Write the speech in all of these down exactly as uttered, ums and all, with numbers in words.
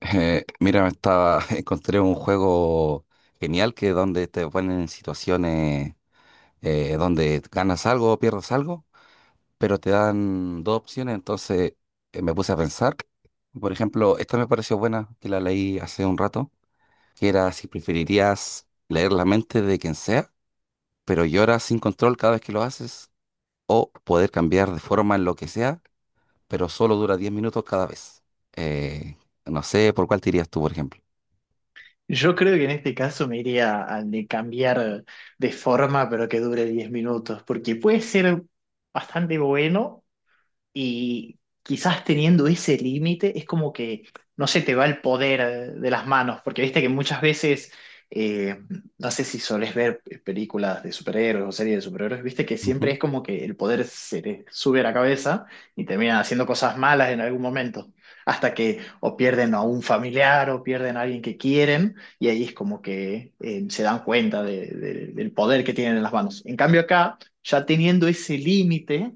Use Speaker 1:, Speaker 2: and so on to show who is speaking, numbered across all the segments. Speaker 1: Eh, mira, estaba, encontré un juego genial que donde te ponen en situaciones eh, donde ganas algo o pierdes algo, pero te dan dos opciones, entonces eh, me puse a pensar. Por ejemplo, esta me pareció buena, que la leí hace un rato, que era si preferirías leer la mente de quien sea, pero lloras sin control cada vez que lo haces, o poder cambiar de forma en lo que sea, pero solo dura diez minutos cada vez. Eh, no sé por cuál te irías tú, por ejemplo.
Speaker 2: Yo creo que en este caso me iría al de cambiar de forma, pero que dure diez minutos, porque puede ser bastante bueno y quizás teniendo ese límite es como que no se te va el poder eh, de las manos, porque viste que muchas veces, eh, no sé si solés ver películas de superhéroes o series de superhéroes, viste que siempre es como que el poder se te sube a la cabeza y terminan haciendo cosas malas en algún momento, hasta que o pierden a un familiar o pierden a alguien que quieren y ahí es como que eh, se dan cuenta de- de- del poder que tienen en las manos. En cambio acá, ya teniendo ese límite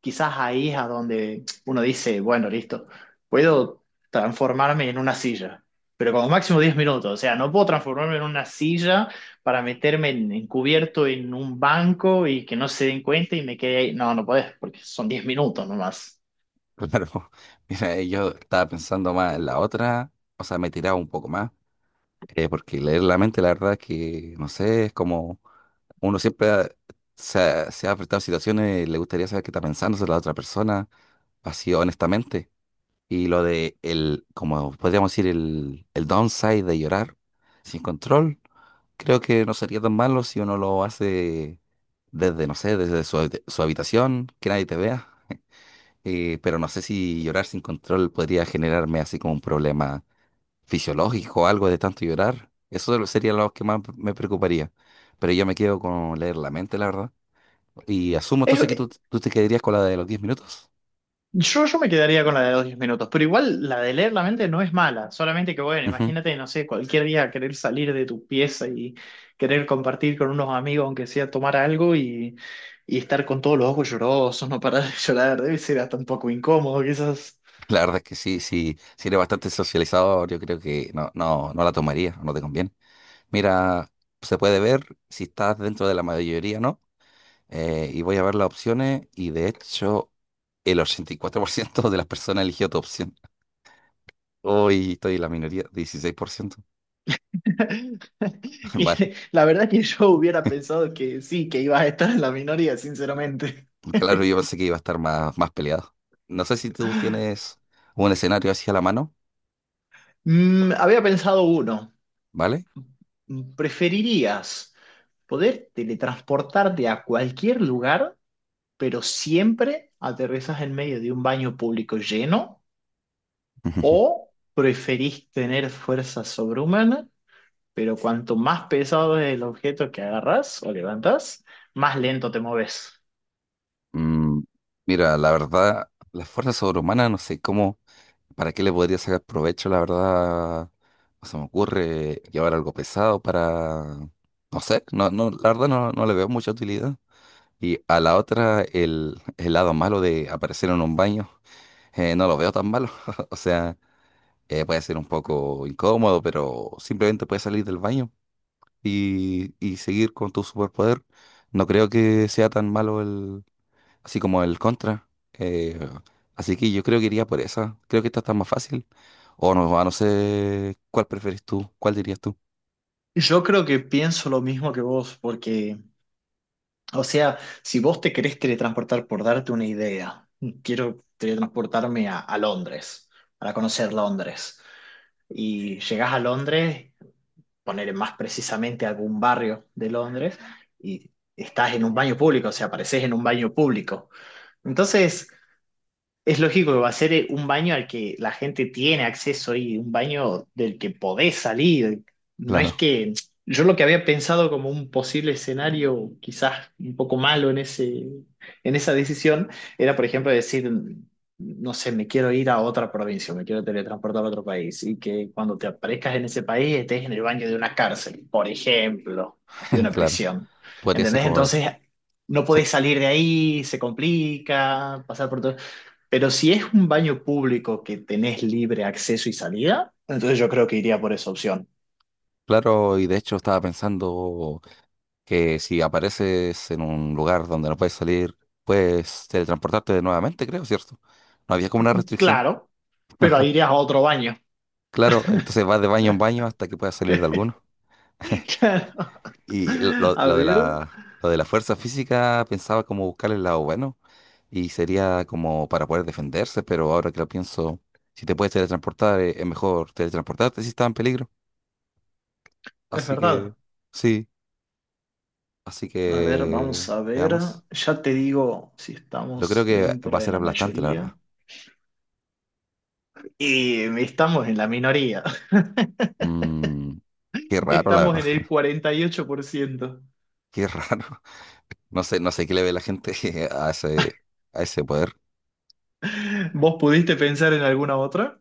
Speaker 2: quizás ahí es a donde uno dice, bueno, listo, puedo transformarme en una silla, pero como máximo diez minutos, o sea, no puedo transformarme en una silla para meterme en- encubierto en un banco y que no se den cuenta y me quede ahí. No, no podés, porque son diez minutos nomás.
Speaker 1: Claro, mira, eh, yo estaba pensando más en la otra, o sea, me tiraba un poco más, eh, porque leer la mente, la verdad es que, no sé, es como uno siempre ha- se ha, se ha enfrentado a situaciones, le gustaría saber qué está pensando sobre la otra persona, así honestamente. Y lo de el, como podríamos decir, el, el downside de llorar sin control, creo que no sería tan malo si uno lo hace desde, no sé, desde su, su habitación, que nadie te vea. Eh, pero no sé si llorar sin control podría generarme así como un problema fisiológico o algo de tanto llorar. Eso lo- sería lo que más me preocuparía. Pero yo me quedo con leer la mente, la verdad. Y asumo entonces que tú, tú te quedarías con la de los diez minutos.
Speaker 2: Yo, yo me quedaría con la de los diez minutos, pero igual la de leer la mente no es mala, solamente que bueno,
Speaker 1: Ujú.
Speaker 2: imagínate, no sé, cualquier día querer salir de tu pieza y querer compartir con unos amigos, aunque sea tomar algo y, y estar con todos los ojos llorosos, no parar de llorar, debe ser hasta un poco incómodo, quizás.
Speaker 1: La verdad es que sí, sí, si eres bastante socializador, yo creo que no, no, no la tomaría, no te conviene. Mira, se puede ver si estás dentro de la mayoría, ¿no? Eh, y voy a ver las opciones y de hecho el ochenta y cuatro por ciento de las personas eligió tu opción. Hoy estoy en la minoría, dieciséis por ciento.
Speaker 2: Y
Speaker 1: Vale,
Speaker 2: la verdad que yo hubiera pensado que sí, que ibas a estar en la minoría, sinceramente.
Speaker 1: claro, yo pensé que iba a estar más, más peleado. No sé si tú tienes un escenario así a la mano,
Speaker 2: Mm, había pensado uno.
Speaker 1: ¿vale?
Speaker 2: ¿Preferirías poder teletransportarte a cualquier lugar, pero siempre aterrizas en medio de un baño público lleno? ¿O preferís tener fuerza sobrehumana, pero cuanto más pesado es el objeto que agarras o levantas, más lento te moves?
Speaker 1: Mm, mira, la verdad, las fuerzas sobrehumanas, no sé cómo, para qué le podría sacar provecho, la verdad, no se me ocurre llevar algo pesado para, no sé, no, no, la verdad no, no le veo mucha utilidad. Y a la otra, el, el lado malo de aparecer en un baño, eh, no lo veo tan malo. O sea, Eh, puede ser un poco incómodo, pero simplemente puedes salir del baño y, y seguir con tu superpoder. No creo que sea tan malo el, así como el contra. Eh, así que yo creo que iría por esa. Creo que esta está más fácil. O no, a no sé cuál preferís tú, cuál dirías tú.
Speaker 2: Yo creo que pienso lo mismo que vos, porque, o sea, si vos te querés teletransportar, por darte una idea, quiero teletransportarme a, a Londres, para conocer Londres. Y llegás a Londres, poner más precisamente algún barrio de Londres, y estás en un baño público, o sea, apareces en un baño público. Entonces, es lógico que va a ser eh, un baño al que la gente tiene acceso y un baño del que podés salir. No es
Speaker 1: Claro,
Speaker 2: que yo lo que había pensado como un posible escenario, quizás un poco malo en ese, en esa decisión, era, por ejemplo, decir, no sé, me quiero ir a otra provincia, me quiero teletransportar a otro país y que cuando te aparezcas en ese país estés en el baño de una cárcel, por ejemplo, de una
Speaker 1: claro.
Speaker 2: prisión.
Speaker 1: Podría ser
Speaker 2: ¿Entendés?
Speaker 1: como...
Speaker 2: Entonces no
Speaker 1: se-
Speaker 2: podés salir de ahí, se complica, pasar por todo. Pero si es un baño público que tenés libre acceso y salida, entonces yo creo que iría por esa opción.
Speaker 1: Claro, y de hecho estaba pensando que si apareces en un lugar donde no puedes salir, puedes teletransportarte nuevamente, creo, ¿cierto? No había como una restricción.
Speaker 2: Claro, pero
Speaker 1: Ajá,
Speaker 2: ahí irías a otro baño.
Speaker 1: claro, entonces vas de baño en baño hasta que puedas salir de alguno.
Speaker 2: Claro.
Speaker 1: Y lo, lo-
Speaker 2: A
Speaker 1: lo de
Speaker 2: ver,
Speaker 1: la, lo de la fuerza física pensaba como buscar el lado bueno y sería como para poder defenderse, pero ahora que lo pienso, si te puedes teletransportar, eh, es mejor teletransportarte si estás en peligro.
Speaker 2: es
Speaker 1: Así que,
Speaker 2: verdad.
Speaker 1: sí, así
Speaker 2: A ver,
Speaker 1: que
Speaker 2: vamos a ver.
Speaker 1: veamos.
Speaker 2: Ya te digo si
Speaker 1: Yo creo
Speaker 2: estamos
Speaker 1: que va
Speaker 2: dentro
Speaker 1: a
Speaker 2: de
Speaker 1: ser
Speaker 2: la
Speaker 1: aplastante, la
Speaker 2: mayoría.
Speaker 1: verdad.
Speaker 2: Y estamos en la minoría.
Speaker 1: Mm, qué raro, la
Speaker 2: Estamos
Speaker 1: verdad.
Speaker 2: en el cuarenta y ocho por ciento.
Speaker 1: Qué raro. No sé, no sé qué le ve la gente a ese, a ese poder.
Speaker 2: ¿Vos pudiste pensar en alguna otra?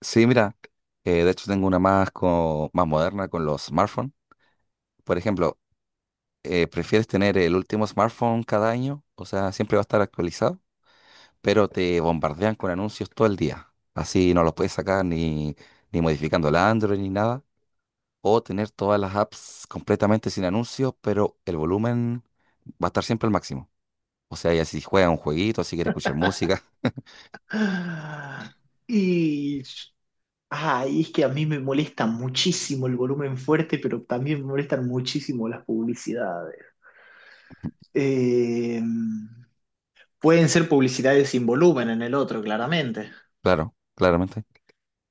Speaker 1: Sí, mira, eh, de hecho tengo una más, co- más moderna con los smartphones. Por ejemplo, eh, ¿prefieres tener el último smartphone cada año? O sea, siempre va a estar actualizado, pero te bombardean con anuncios todo el día. Así no los puedes sacar ni, ni modificando el Android ni nada. O tener todas las apps completamente sin anuncios, pero el volumen va a estar siempre al máximo. O sea, ya si juegas un jueguito, si quieres escuchar música.
Speaker 2: Y Ah, y es que a mí me molesta muchísimo el volumen fuerte, pero también me molestan muchísimo las publicidades. Eh, pueden ser publicidades sin volumen en el otro, claramente.
Speaker 1: Claro, claramente.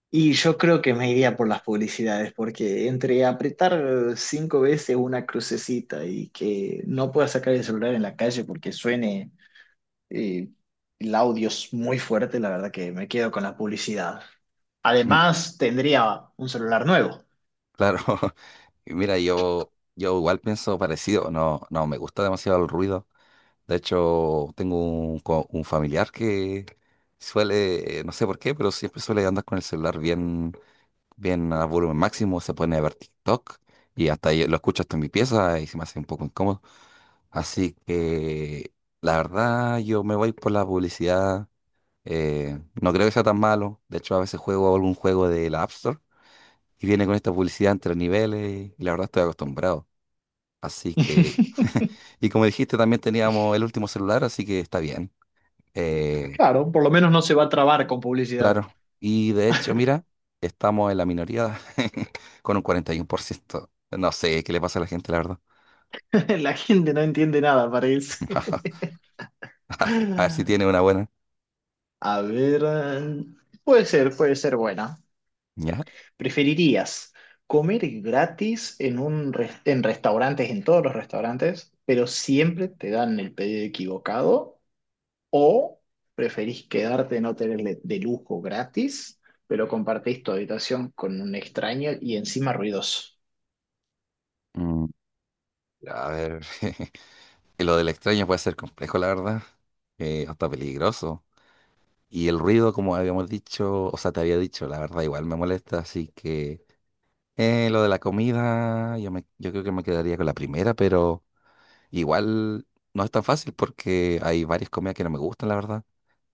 Speaker 2: Y yo creo que me iría por las publicidades, porque entre apretar cinco veces una crucecita y que no pueda sacar el celular en la calle porque suene eh, el audio es muy fuerte, la verdad que me quedo con la publicidad.
Speaker 1: Mm,
Speaker 2: Además, tendría un celular nuevo.
Speaker 1: claro. Y mira, yo, yo igual pienso parecido, no, no me gusta demasiado el ruido. De hecho, tengo un, co- un familiar que suele, eh, no sé por qué, pero siempre suele andar con el celular bien, bien a volumen máximo, se pone a ver TikTok y hasta yo lo escucho hasta en mi pieza y se me hace un poco incómodo. Así que la verdad yo me voy por la publicidad. eh, no creo que sea tan malo. De hecho, a veces juego algún juego de la App Store y viene con esta publicidad entre niveles y la verdad estoy acostumbrado. Así que, y como dijiste, también teníamos el último celular, así que está bien. Eh,
Speaker 2: Claro, por lo menos no se va a trabar con publicidad.
Speaker 1: claro. Y de hecho, mira, estamos en la minoría con un cuarenta y uno por ciento. No sé qué le pasa a la gente, la verdad.
Speaker 2: La gente no entiende nada, parece.
Speaker 1: A ver si tiene una buena.
Speaker 2: A ver, eh, puede ser, puede ser buena.
Speaker 1: ¿Ya?
Speaker 2: ¿Preferirías comer gratis en un res- en restaurantes, en todos los restaurantes, pero siempre te dan el pedido equivocado? ¿O preferís quedarte en hoteles de de lujo gratis, pero compartís tu habitación con un extraño y encima ruidoso?
Speaker 1: Mm, a ver, lo del extraño puede ser complejo, la verdad. Eh, hasta peligroso. Y el ruido, como habíamos dicho, o sea, te había dicho, la verdad, igual me molesta, así que. Eh, lo de la comida, yo, me, yo creo que me quedaría con la primera, pero. Igual no es tan fácil porque hay varias comidas que no me gustan, la verdad.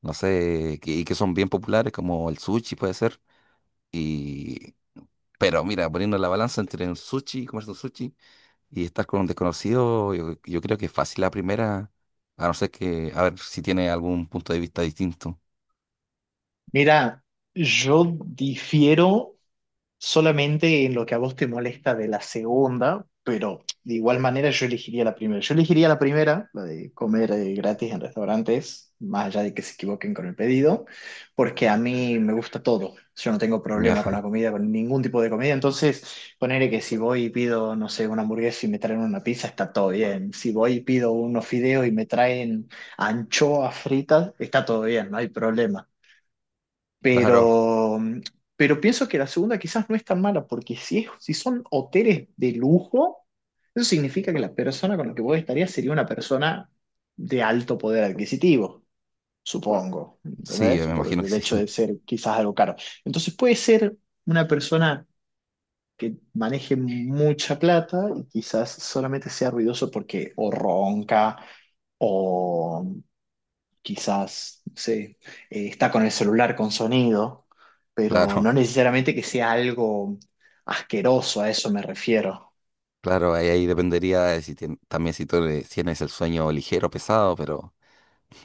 Speaker 1: No sé, que, y que son bien populares, como el sushi puede ser. Y. Pero mira, poniendo la balanza entre el sushi, comerse un sushi y estar con un desconocido, yo, yo creo que es fácil la primera, a no ser que, a ver si tiene algún punto de vista distinto.
Speaker 2: Mira, yo difiero solamente en lo que a vos te molesta de la segunda, pero de igual manera yo elegiría la primera. Yo elegiría la primera, la de comer eh, gratis en restaurantes, más allá de que se equivoquen con el pedido, porque a mí me gusta todo. Yo no tengo
Speaker 1: Ya,
Speaker 2: problema con la comida, con ningún tipo de comida. Entonces, ponerle que si voy y pido, no sé, una hamburguesa y me traen una pizza, está todo bien. Si voy y pido unos fideos y me traen anchoas fritas, está todo bien, no hay problema.
Speaker 1: claro,
Speaker 2: Pero, mm, pero pienso que la segunda quizás no es tan mala, porque si, es- si son hoteles de lujo, eso significa que la persona con la que vos estarías sería una persona de alto poder adquisitivo, supongo,
Speaker 1: sí,
Speaker 2: ¿entendés?
Speaker 1: me
Speaker 2: Por
Speaker 1: imagino que
Speaker 2: el hecho
Speaker 1: sí,
Speaker 2: de ser quizás algo caro. Entonces puede ser una persona que maneje mucha plata y quizás solamente sea ruidoso porque o ronca o quizás, no sé, eh, está con el celular con sonido, pero
Speaker 1: claro,
Speaker 2: no necesariamente que sea algo asqueroso, a eso me refiero.
Speaker 1: claro, ahí, ahí dependería de si tien- también si tú le- si tienes el sueño ligero o pesado, pero.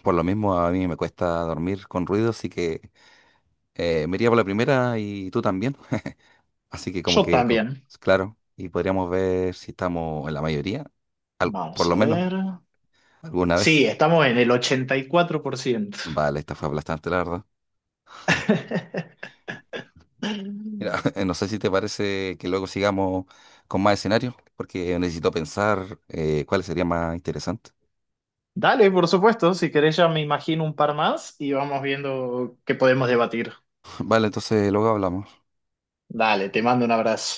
Speaker 1: Por lo mismo, a mí me cuesta dormir con ruido, así que eh, me iría por la primera y tú también. Así que como
Speaker 2: Yo
Speaker 1: que, con-
Speaker 2: también.
Speaker 1: claro, y podríamos ver si estamos en la mayoría, al- por
Speaker 2: Vamos
Speaker 1: lo
Speaker 2: a
Speaker 1: menos
Speaker 2: ver.
Speaker 1: alguna
Speaker 2: Sí,
Speaker 1: vez.
Speaker 2: estamos en el ochenta y cuatro por ciento.
Speaker 1: Vale, esta fue aplastante, la verdad. Mira, no sé si te parece que luego sigamos con más escenarios, porque necesito pensar eh, cuáles serían más interesantes.
Speaker 2: Dale, por supuesto, si querés ya me imagino un par más y vamos viendo qué podemos debatir.
Speaker 1: Vale, entonces luego hablamos.
Speaker 2: Dale, te mando un abrazo.